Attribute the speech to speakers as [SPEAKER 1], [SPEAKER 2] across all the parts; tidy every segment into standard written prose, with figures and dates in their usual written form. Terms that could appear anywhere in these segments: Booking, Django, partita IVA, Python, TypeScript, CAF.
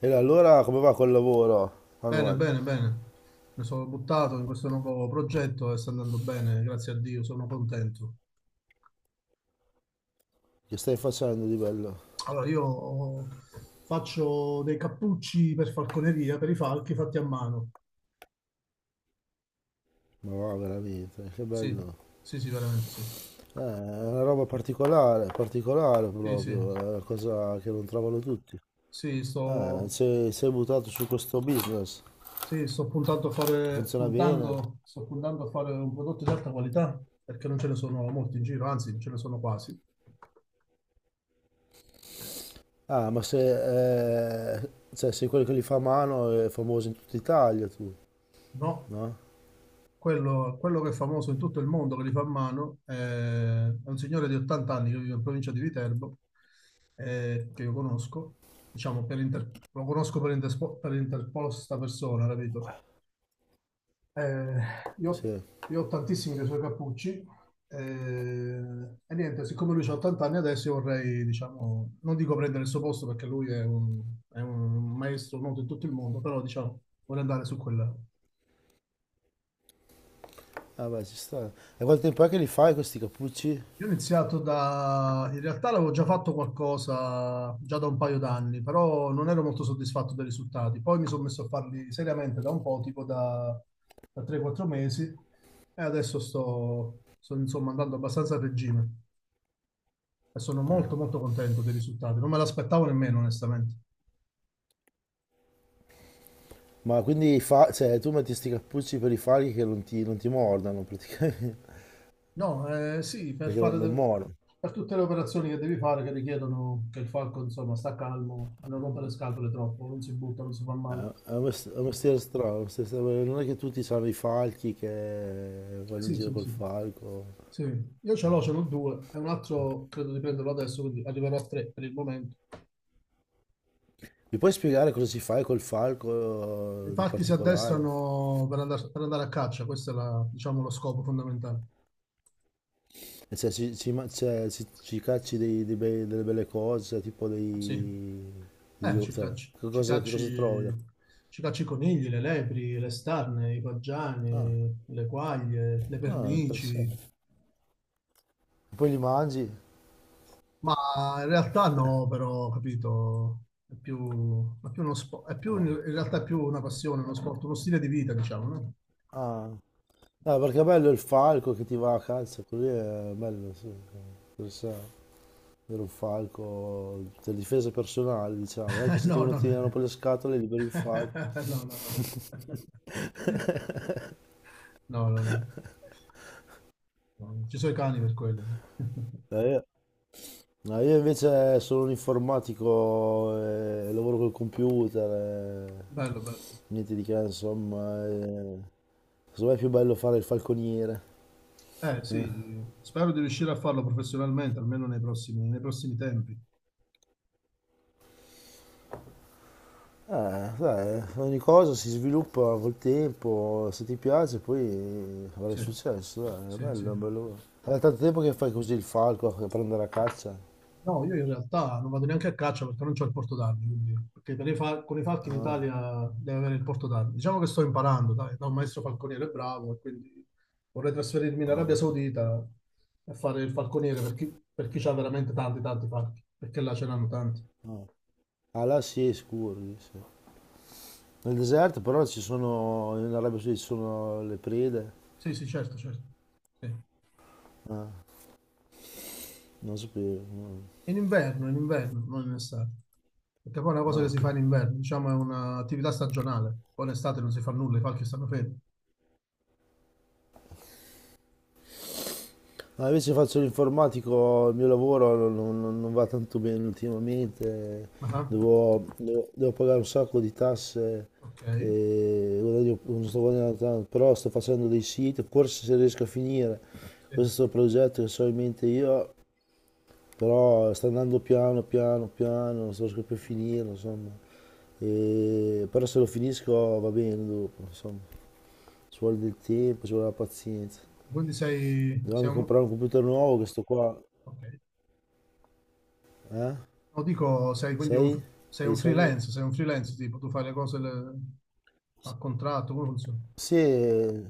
[SPEAKER 1] E allora come va col lavoro,
[SPEAKER 2] Bene,
[SPEAKER 1] Manuel?
[SPEAKER 2] bene, bene. Mi sono buttato in questo nuovo progetto e sta andando bene, grazie a Dio, sono contento.
[SPEAKER 1] Che stai facendo di bello?
[SPEAKER 2] Allora, io faccio dei cappucci per falconeria, per i falchi fatti a mano.
[SPEAKER 1] Ma va veramente, che
[SPEAKER 2] Sì,
[SPEAKER 1] bello.
[SPEAKER 2] sì, sì, veramente sì.
[SPEAKER 1] È una roba particolare, particolare
[SPEAKER 2] Sì, sì,
[SPEAKER 1] proprio, è una cosa che non trovano tutti.
[SPEAKER 2] sì,
[SPEAKER 1] Eh,
[SPEAKER 2] sto,
[SPEAKER 1] sei, sei buttato su questo business,
[SPEAKER 2] sì, sto puntando a fare,
[SPEAKER 1] funziona bene.
[SPEAKER 2] puntando, sto puntando a fare un prodotto di alta qualità perché non ce ne sono molti in giro, anzi, non ce ne sono quasi,
[SPEAKER 1] Ah, ma se, sei quello che li fa a mano, è famoso in tutta Italia tu,
[SPEAKER 2] no?
[SPEAKER 1] no?
[SPEAKER 2] Quello che è famoso in tutto il mondo, che li fa a mano, è un signore di 80 anni che vive in provincia di Viterbo, che io conosco, diciamo, per lo conosco per, per interposta persona, capito? Eh, io,
[SPEAKER 1] Sì.
[SPEAKER 2] io ho tantissimi dei suoi cappucci eh, e niente, siccome lui ha 80 anni adesso, io vorrei, diciamo, non dico prendere il suo posto perché è un maestro noto in tutto il mondo, però diciamo, vorrei andare su quella.
[SPEAKER 1] Ah beh, ci sta. E quanto tempo è che li fai questi cappucci?
[SPEAKER 2] Io ho iniziato da... In realtà l'avevo già fatto qualcosa già da un paio d'anni, però non ero molto soddisfatto dei risultati. Poi mi sono messo a farli seriamente da un po', tipo da 3-4 mesi, e adesso insomma andando abbastanza a regime e sono molto molto contento dei risultati. Non me l'aspettavo nemmeno, onestamente.
[SPEAKER 1] Ma quindi cioè, tu metti sti cappucci per i falchi che non ti mordano praticamente,
[SPEAKER 2] No, sì, per
[SPEAKER 1] perché
[SPEAKER 2] fare...
[SPEAKER 1] non
[SPEAKER 2] de-
[SPEAKER 1] mordono.
[SPEAKER 2] Per tutte le operazioni che devi fare che richiedono che il falco, insomma, sta calmo, non rompere le scatole troppo, non si butta, non si fa
[SPEAKER 1] È
[SPEAKER 2] male.
[SPEAKER 1] è un mestiere strano, è un mestiere strano. Non è che tutti sanno i falchi che vanno in
[SPEAKER 2] Sì,
[SPEAKER 1] giro
[SPEAKER 2] sì,
[SPEAKER 1] col
[SPEAKER 2] sì.
[SPEAKER 1] falco.
[SPEAKER 2] Sì, ce l'ho due, e un altro credo di prenderlo adesso, quindi arriverò a tre per il momento.
[SPEAKER 1] Mi puoi spiegare cosa si fa col falco di
[SPEAKER 2] Infatti
[SPEAKER 1] particolare?
[SPEAKER 2] per andare a caccia, questo è diciamo, lo scopo fondamentale.
[SPEAKER 1] Cioè, ci, ci ma- cioè, ci- ci cacci delle belle cose, cioè, tipo
[SPEAKER 2] Sì, eh, ci
[SPEAKER 1] cioè,
[SPEAKER 2] cacci, ci
[SPEAKER 1] che cosa trovi?
[SPEAKER 2] cacci,
[SPEAKER 1] Da-
[SPEAKER 2] ci cacci i conigli, le lepri, le starne, i
[SPEAKER 1] Ah,
[SPEAKER 2] paggiani, le quaglie, le
[SPEAKER 1] ah,
[SPEAKER 2] pernici,
[SPEAKER 1] interessante. Poi li mangi?
[SPEAKER 2] ma in realtà no, però, capito, è più uno sport, è più, in
[SPEAKER 1] No.
[SPEAKER 2] realtà è più una passione, uno sport, uno stile di vita, diciamo, no?
[SPEAKER 1] Ah, eh, perché è bello il falco che ti va a calza, così è bello, sì, interessante. Era un falco per difesa personale, diciamo, anche se ti
[SPEAKER 2] No,
[SPEAKER 1] uno
[SPEAKER 2] no, no.
[SPEAKER 1] tirano per le scatole, liberi il falco.
[SPEAKER 2] No, no, no. No, no, no. No, ci sono i cani per quello.
[SPEAKER 1] No, io invece sono un informatico, lavoro col computer, eh,
[SPEAKER 2] Bello, bello.
[SPEAKER 1] niente di che, insomma, secondo me è più bello fare il falconiere.
[SPEAKER 2] Eh
[SPEAKER 1] Eh.
[SPEAKER 2] sì, spero di riuscire a farlo professionalmente, almeno nei prossimi tempi.
[SPEAKER 1] Dai, ogni cosa si sviluppa col tempo, se ti piace poi avrai
[SPEAKER 2] Sì,
[SPEAKER 1] successo, dai, è
[SPEAKER 2] sì, sì.
[SPEAKER 1] bello, è bello. È tanto tempo che fai così il falco, che prende la caccia?
[SPEAKER 2] No, io in realtà non vado neanche a caccia perché non ho il porto d'armi, quindi, perché per i con i falchi in
[SPEAKER 1] Ah,
[SPEAKER 2] Italia deve avere il porto d'armi. Diciamo che sto imparando, dai, da un maestro falconiere bravo, e quindi vorrei trasferirmi in Arabia
[SPEAKER 1] ah,
[SPEAKER 2] Saudita e fare il falconiere per chi ha veramente tanti, tanti falchi, perché là ce n'hanno tanti.
[SPEAKER 1] ah. Ah, là sì, è scuro, lì, sì. Nel deserto però ci sono, in Arabia Saudita ci sono le prede,
[SPEAKER 2] Sì, sì, certo, certo. Sì.
[SPEAKER 1] ah, non sapevo, no.
[SPEAKER 2] In inverno, non in estate. Perché poi è una cosa
[SPEAKER 1] Ah,
[SPEAKER 2] che si
[SPEAKER 1] ok.
[SPEAKER 2] fa in inverno, diciamo è un'attività stagionale. Poi in estate non si fa nulla, i falchi stanno fermi.
[SPEAKER 1] No, invece faccio l'informatico, il mio lavoro non va tanto bene ultimamente,
[SPEAKER 2] Ah,
[SPEAKER 1] devo pagare un sacco di tasse,
[SPEAKER 2] ok,
[SPEAKER 1] e guadagno- non sto guadagnando tanto, però sto facendo dei siti, forse se riesco a finire
[SPEAKER 2] sì.
[SPEAKER 1] questo progetto che so in mente io, però sta andando piano, piano, piano, non sto riesco più a finire, insomma, E- però se lo finisco va bene dopo, insomma, ci vuole del tempo, ci vuole la pazienza.
[SPEAKER 2] Quindi sei,
[SPEAKER 1] Devo
[SPEAKER 2] sei
[SPEAKER 1] anche
[SPEAKER 2] un...
[SPEAKER 1] comprare un computer nuovo che sto qua,
[SPEAKER 2] ok.
[SPEAKER 1] eh?
[SPEAKER 2] No, dico,
[SPEAKER 1] Sei? Stai dicendo?
[SPEAKER 2] sei un freelance, tipo, tu fai le cose a contratto, come funziona?
[SPEAKER 1] Sì,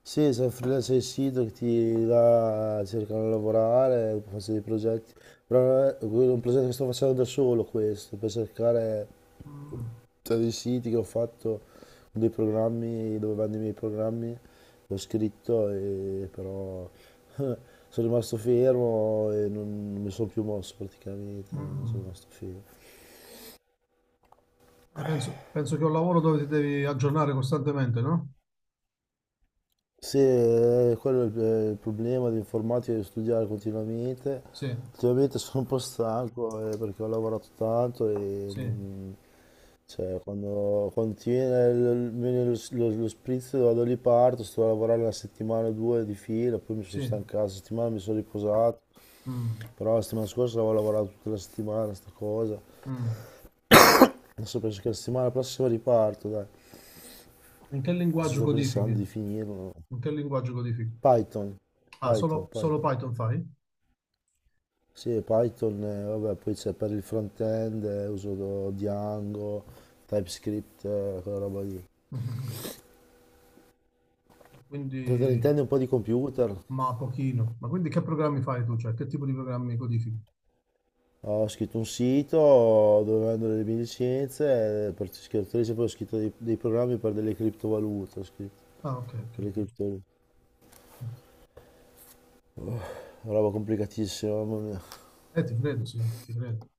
[SPEAKER 1] sì, sono freelance del sito che ti là cercano di lavorare, faccio dei progetti. Però quello è un progetto che sto facendo da solo questo, per cercare
[SPEAKER 2] Mm,
[SPEAKER 1] tra dei siti che ho fatto, dei programmi dove vanno i miei programmi, l'ho scritto e però sono rimasto fermo e non mi sono più mosso praticamente,
[SPEAKER 2] mm.
[SPEAKER 1] sono rimasto fermo.
[SPEAKER 2] Penso, penso che è un lavoro dove ti devi aggiornare costantemente, no?
[SPEAKER 1] Sì, quello è il problema dell'informatica di studiare continuamente.
[SPEAKER 2] Sì,
[SPEAKER 1] Ultimamente sono un po' stanco perché ho lavorato tanto e
[SPEAKER 2] sì,
[SPEAKER 1] mm, cioè, quando ti viene, viene lo spritz vado lì parto, sto a lavorare una settimana o due di fila, poi mi sono
[SPEAKER 2] sì.
[SPEAKER 1] stancato, la settimana mi sono riposato,
[SPEAKER 2] Mm,
[SPEAKER 1] però la settimana scorsa avevo lavorato tutta la settimana, sta cosa.
[SPEAKER 2] mm.
[SPEAKER 1] Adesso penso che la settimana prossima riparto, dai.
[SPEAKER 2] In che
[SPEAKER 1] Adesso
[SPEAKER 2] linguaggio
[SPEAKER 1] sto
[SPEAKER 2] codifichi?
[SPEAKER 1] pensando di finirlo.
[SPEAKER 2] In che linguaggio codifichi?
[SPEAKER 1] Python,
[SPEAKER 2] Ah, solo, solo
[SPEAKER 1] Python.
[SPEAKER 2] Python fai?
[SPEAKER 1] Sì, Python, vabbè, poi c'è per il front-end, uso do- Django, TypeScript, quella roba lì.
[SPEAKER 2] Mm. Quindi,
[SPEAKER 1] Per te ne intendi un po' di computer?
[SPEAKER 2] ma pochino. Ma quindi che programmi fai tu? Cioè, che tipo di programmi codifichi?
[SPEAKER 1] Ho scritto un sito dove vendo le mie licenze, per scrittrice poi ho scritto dei programmi per delle criptovalute, ho scritto,
[SPEAKER 2] Ah, ok, ok,
[SPEAKER 1] per le
[SPEAKER 2] ok.
[SPEAKER 1] criptovalute.
[SPEAKER 2] Eh,
[SPEAKER 1] Roba complicatissima, mamma mia.
[SPEAKER 2] ti credo, sì, ti credo.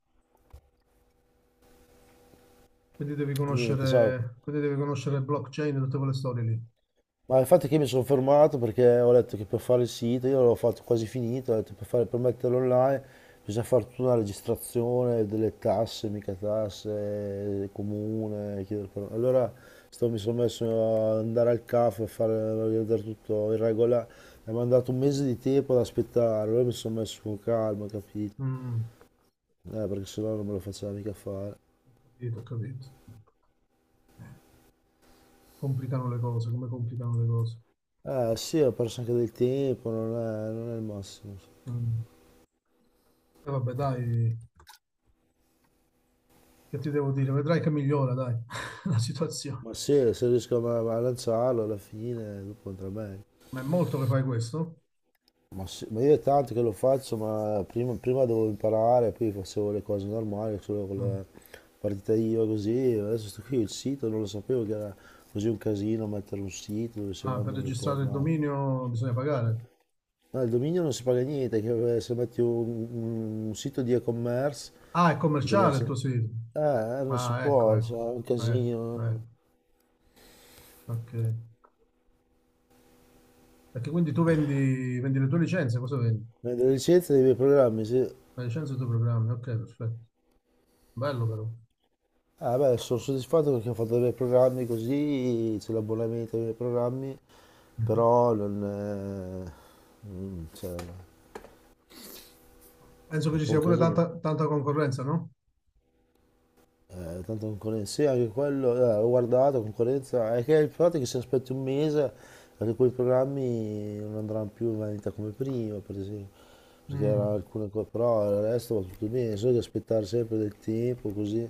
[SPEAKER 1] Niente, so,
[SPEAKER 2] Quindi devi conoscere blockchain e tutte quelle storie lì.
[SPEAKER 1] ma infatti che io mi sono fermato perché ho letto che per fare il sito, io l'ho fatto quasi finito, ho detto per metterlo online bisogna fare tutta una registrazione delle tasse, mica tasse, comune, chiedere per- Allora mi sono messo a andare al CAF a fare, a vedere tutto in regola, mi hanno dato un mese di tempo ad aspettare, allora mi sono messo con calma, capito?
[SPEAKER 2] Mm,
[SPEAKER 1] Perché sennò non me lo faceva mica fare.
[SPEAKER 2] ho capito, ho capito. Complicano le cose, come complicano le cose.
[SPEAKER 1] Eh sì, ho perso anche del tempo, non è il massimo.
[SPEAKER 2] Mm. E vabbè, dai, che ti devo dire? Vedrai che migliora, dai, la situazione.
[SPEAKER 1] Ma sì, se riesco a, a lanciarlo alla fine, dopo andrà meglio.
[SPEAKER 2] Ma è molto che fai questo?
[SPEAKER 1] Ma, sì, ma io è tanto che lo faccio, ma prima devo imparare, poi facevo le cose normali, solo con
[SPEAKER 2] Mm.
[SPEAKER 1] la partita IVA così, adesso sto qui il sito, non lo sapevo che era così un casino mettere un sito dove si
[SPEAKER 2] Ah, per
[SPEAKER 1] vendono le cose,
[SPEAKER 2] registrare il
[SPEAKER 1] ma...
[SPEAKER 2] dominio bisogna pagare.
[SPEAKER 1] No, il dominio non si paga niente, che se metti un sito di e-commerce,
[SPEAKER 2] Ah, è
[SPEAKER 1] di
[SPEAKER 2] commerciale il
[SPEAKER 1] commercio-
[SPEAKER 2] tuo sito.
[SPEAKER 1] non si
[SPEAKER 2] Ah, ecco,
[SPEAKER 1] può,
[SPEAKER 2] ecco,
[SPEAKER 1] cioè, è un casino.
[SPEAKER 2] ecco, ecco. Ok. Perché quindi vendi le tue licenze, cosa vendi?
[SPEAKER 1] Vendere licenze dei miei programmi, sì.
[SPEAKER 2] La licenza dei tuoi programmi, ok, perfetto. Bello però.
[SPEAKER 1] Eh beh, sono soddisfatto perché ho fatto dei bei programmi così, c'è l'abbonamento ai miei programmi,
[SPEAKER 2] Mhm.
[SPEAKER 1] però non... è, mm, cioè, è
[SPEAKER 2] Penso che
[SPEAKER 1] un
[SPEAKER 2] ci
[SPEAKER 1] po' un
[SPEAKER 2] sia pure
[SPEAKER 1] casino.
[SPEAKER 2] tanta, tanta concorrenza, no?
[SPEAKER 1] Tanta concorrenza, sì, anche quello, ho guardato, concorrenza, è che il fatto è che se aspetti un mese, anche quei programmi non andranno più in vendita come prima, per esempio, perché
[SPEAKER 2] Mm,
[SPEAKER 1] erano alcune cose, però il resto va tutto bene, solo che aspettare sempre del tempo così,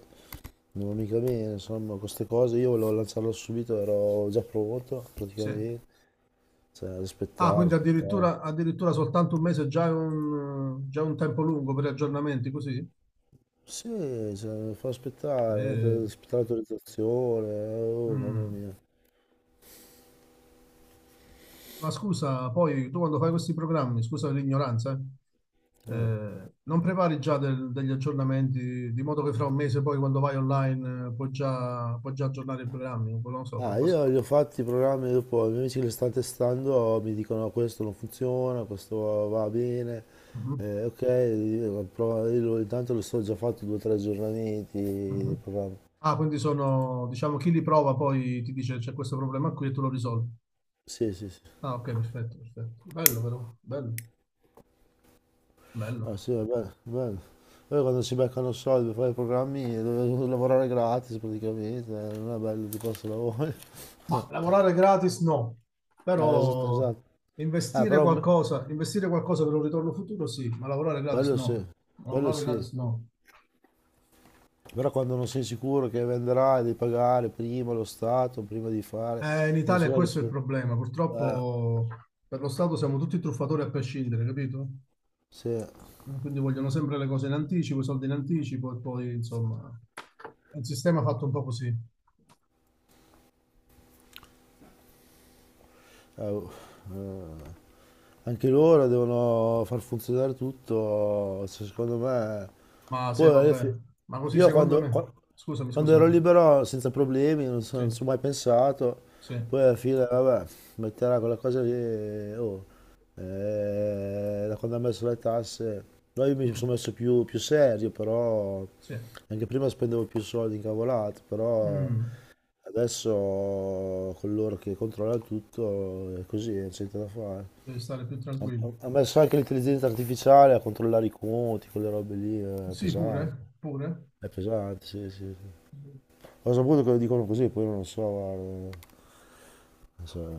[SPEAKER 1] non va mica bene, insomma, queste cose, io volevo lanciarlo subito, ero già pronto
[SPEAKER 2] sì.
[SPEAKER 1] praticamente. Cioè,
[SPEAKER 2] Ah,
[SPEAKER 1] aspettare,
[SPEAKER 2] quindi
[SPEAKER 1] aspettare.
[SPEAKER 2] addirittura, addirittura soltanto un mese è già già un tempo lungo per gli aggiornamenti, così?
[SPEAKER 1] Sì, cioè, fa aspettare, te-
[SPEAKER 2] Eh,
[SPEAKER 1] aspettare l'autorizzazione, oh, mamma
[SPEAKER 2] mm.
[SPEAKER 1] mia.
[SPEAKER 2] Ma scusa, poi tu quando fai questi programmi, scusa l'ignoranza, non prepari già degli aggiornamenti di modo che fra un mese poi quando vai online puoi già aggiornare i programmi, non lo so,
[SPEAKER 1] Ah,
[SPEAKER 2] qualcosa.
[SPEAKER 1] io li ho fatti i programmi dopo, i miei amici che li stanno testando oh, mi dicono "No, questo non funziona, questo va bene,
[SPEAKER 2] Mm-hmm.
[SPEAKER 1] eh, ok, io, provo- io lo- intanto lo sto già fatto due o tre aggiornamenti di
[SPEAKER 2] Mhm.
[SPEAKER 1] programma.
[SPEAKER 2] Ah, quindi sono, diciamo, chi li prova poi ti dice c'è questo problema qui e tu lo risolvi.
[SPEAKER 1] Sì, sì, sì.
[SPEAKER 2] Ah, ok, perfetto, perfetto. Bello, però, bello, bello.
[SPEAKER 1] Ah, sì, va bene, va bene. Poi quando si beccano soldi per fare i programmi, devono lavorare gratis praticamente, non è bello di questo lavoro.
[SPEAKER 2] Ma lavorare gratis no,
[SPEAKER 1] Esatto,
[SPEAKER 2] però
[SPEAKER 1] esatto. Però m-
[SPEAKER 2] investire qualcosa per un ritorno futuro sì, ma lavorare gratis
[SPEAKER 1] quello
[SPEAKER 2] no.
[SPEAKER 1] sì, quello
[SPEAKER 2] Lavorare
[SPEAKER 1] sì.
[SPEAKER 2] gratis no.
[SPEAKER 1] Però quando non sei sicuro che venderai, devi pagare prima lo Stato, prima di fare,
[SPEAKER 2] In
[SPEAKER 1] e non
[SPEAKER 2] Italia
[SPEAKER 1] so neanche
[SPEAKER 2] questo è
[SPEAKER 1] su...
[SPEAKER 2] il problema.
[SPEAKER 1] Eh,
[SPEAKER 2] Purtroppo per lo Stato siamo tutti truffatori a prescindere, capito?
[SPEAKER 1] sì.
[SPEAKER 2] Quindi vogliono sempre le cose in anticipo, i soldi in anticipo e poi, insomma, è un sistema fatto un po' così.
[SPEAKER 1] Eh, oh, eh, anche loro devono far funzionare tutto, se- secondo me.
[SPEAKER 2] Ma se
[SPEAKER 1] Poi
[SPEAKER 2] va
[SPEAKER 1] alla
[SPEAKER 2] bene.
[SPEAKER 1] fi-
[SPEAKER 2] Ma così
[SPEAKER 1] io
[SPEAKER 2] secondo
[SPEAKER 1] quando,
[SPEAKER 2] me.
[SPEAKER 1] qua-
[SPEAKER 2] Scusami,
[SPEAKER 1] quando
[SPEAKER 2] scusami.
[SPEAKER 1] ero
[SPEAKER 2] Di-
[SPEAKER 1] libero senza problemi, non so- non ci
[SPEAKER 2] Sì,
[SPEAKER 1] ho mai pensato,
[SPEAKER 2] sì,
[SPEAKER 1] poi alla fine, vabbè, metterà quella cosa lì, e, oh, da quando ha messo le tasse, no, io mi
[SPEAKER 2] mm,
[SPEAKER 1] sono messo più serio, però
[SPEAKER 2] sì.
[SPEAKER 1] anche prima spendevo più soldi in cavolate, però
[SPEAKER 2] Mm,
[SPEAKER 1] Adesso coloro che controllano tutto è così, non c'è niente da fare.
[SPEAKER 2] devi stare più
[SPEAKER 1] Ha
[SPEAKER 2] tranquillo.
[SPEAKER 1] Ha messo anche l'intelligenza artificiale a controllare i conti, quelle robe lì, è
[SPEAKER 2] Sì,
[SPEAKER 1] pesante.
[SPEAKER 2] pure, pure.
[SPEAKER 1] È pesante, sì, sì, sì. Ho saputo che lo dicono così, poi non lo so, guarda. Non so,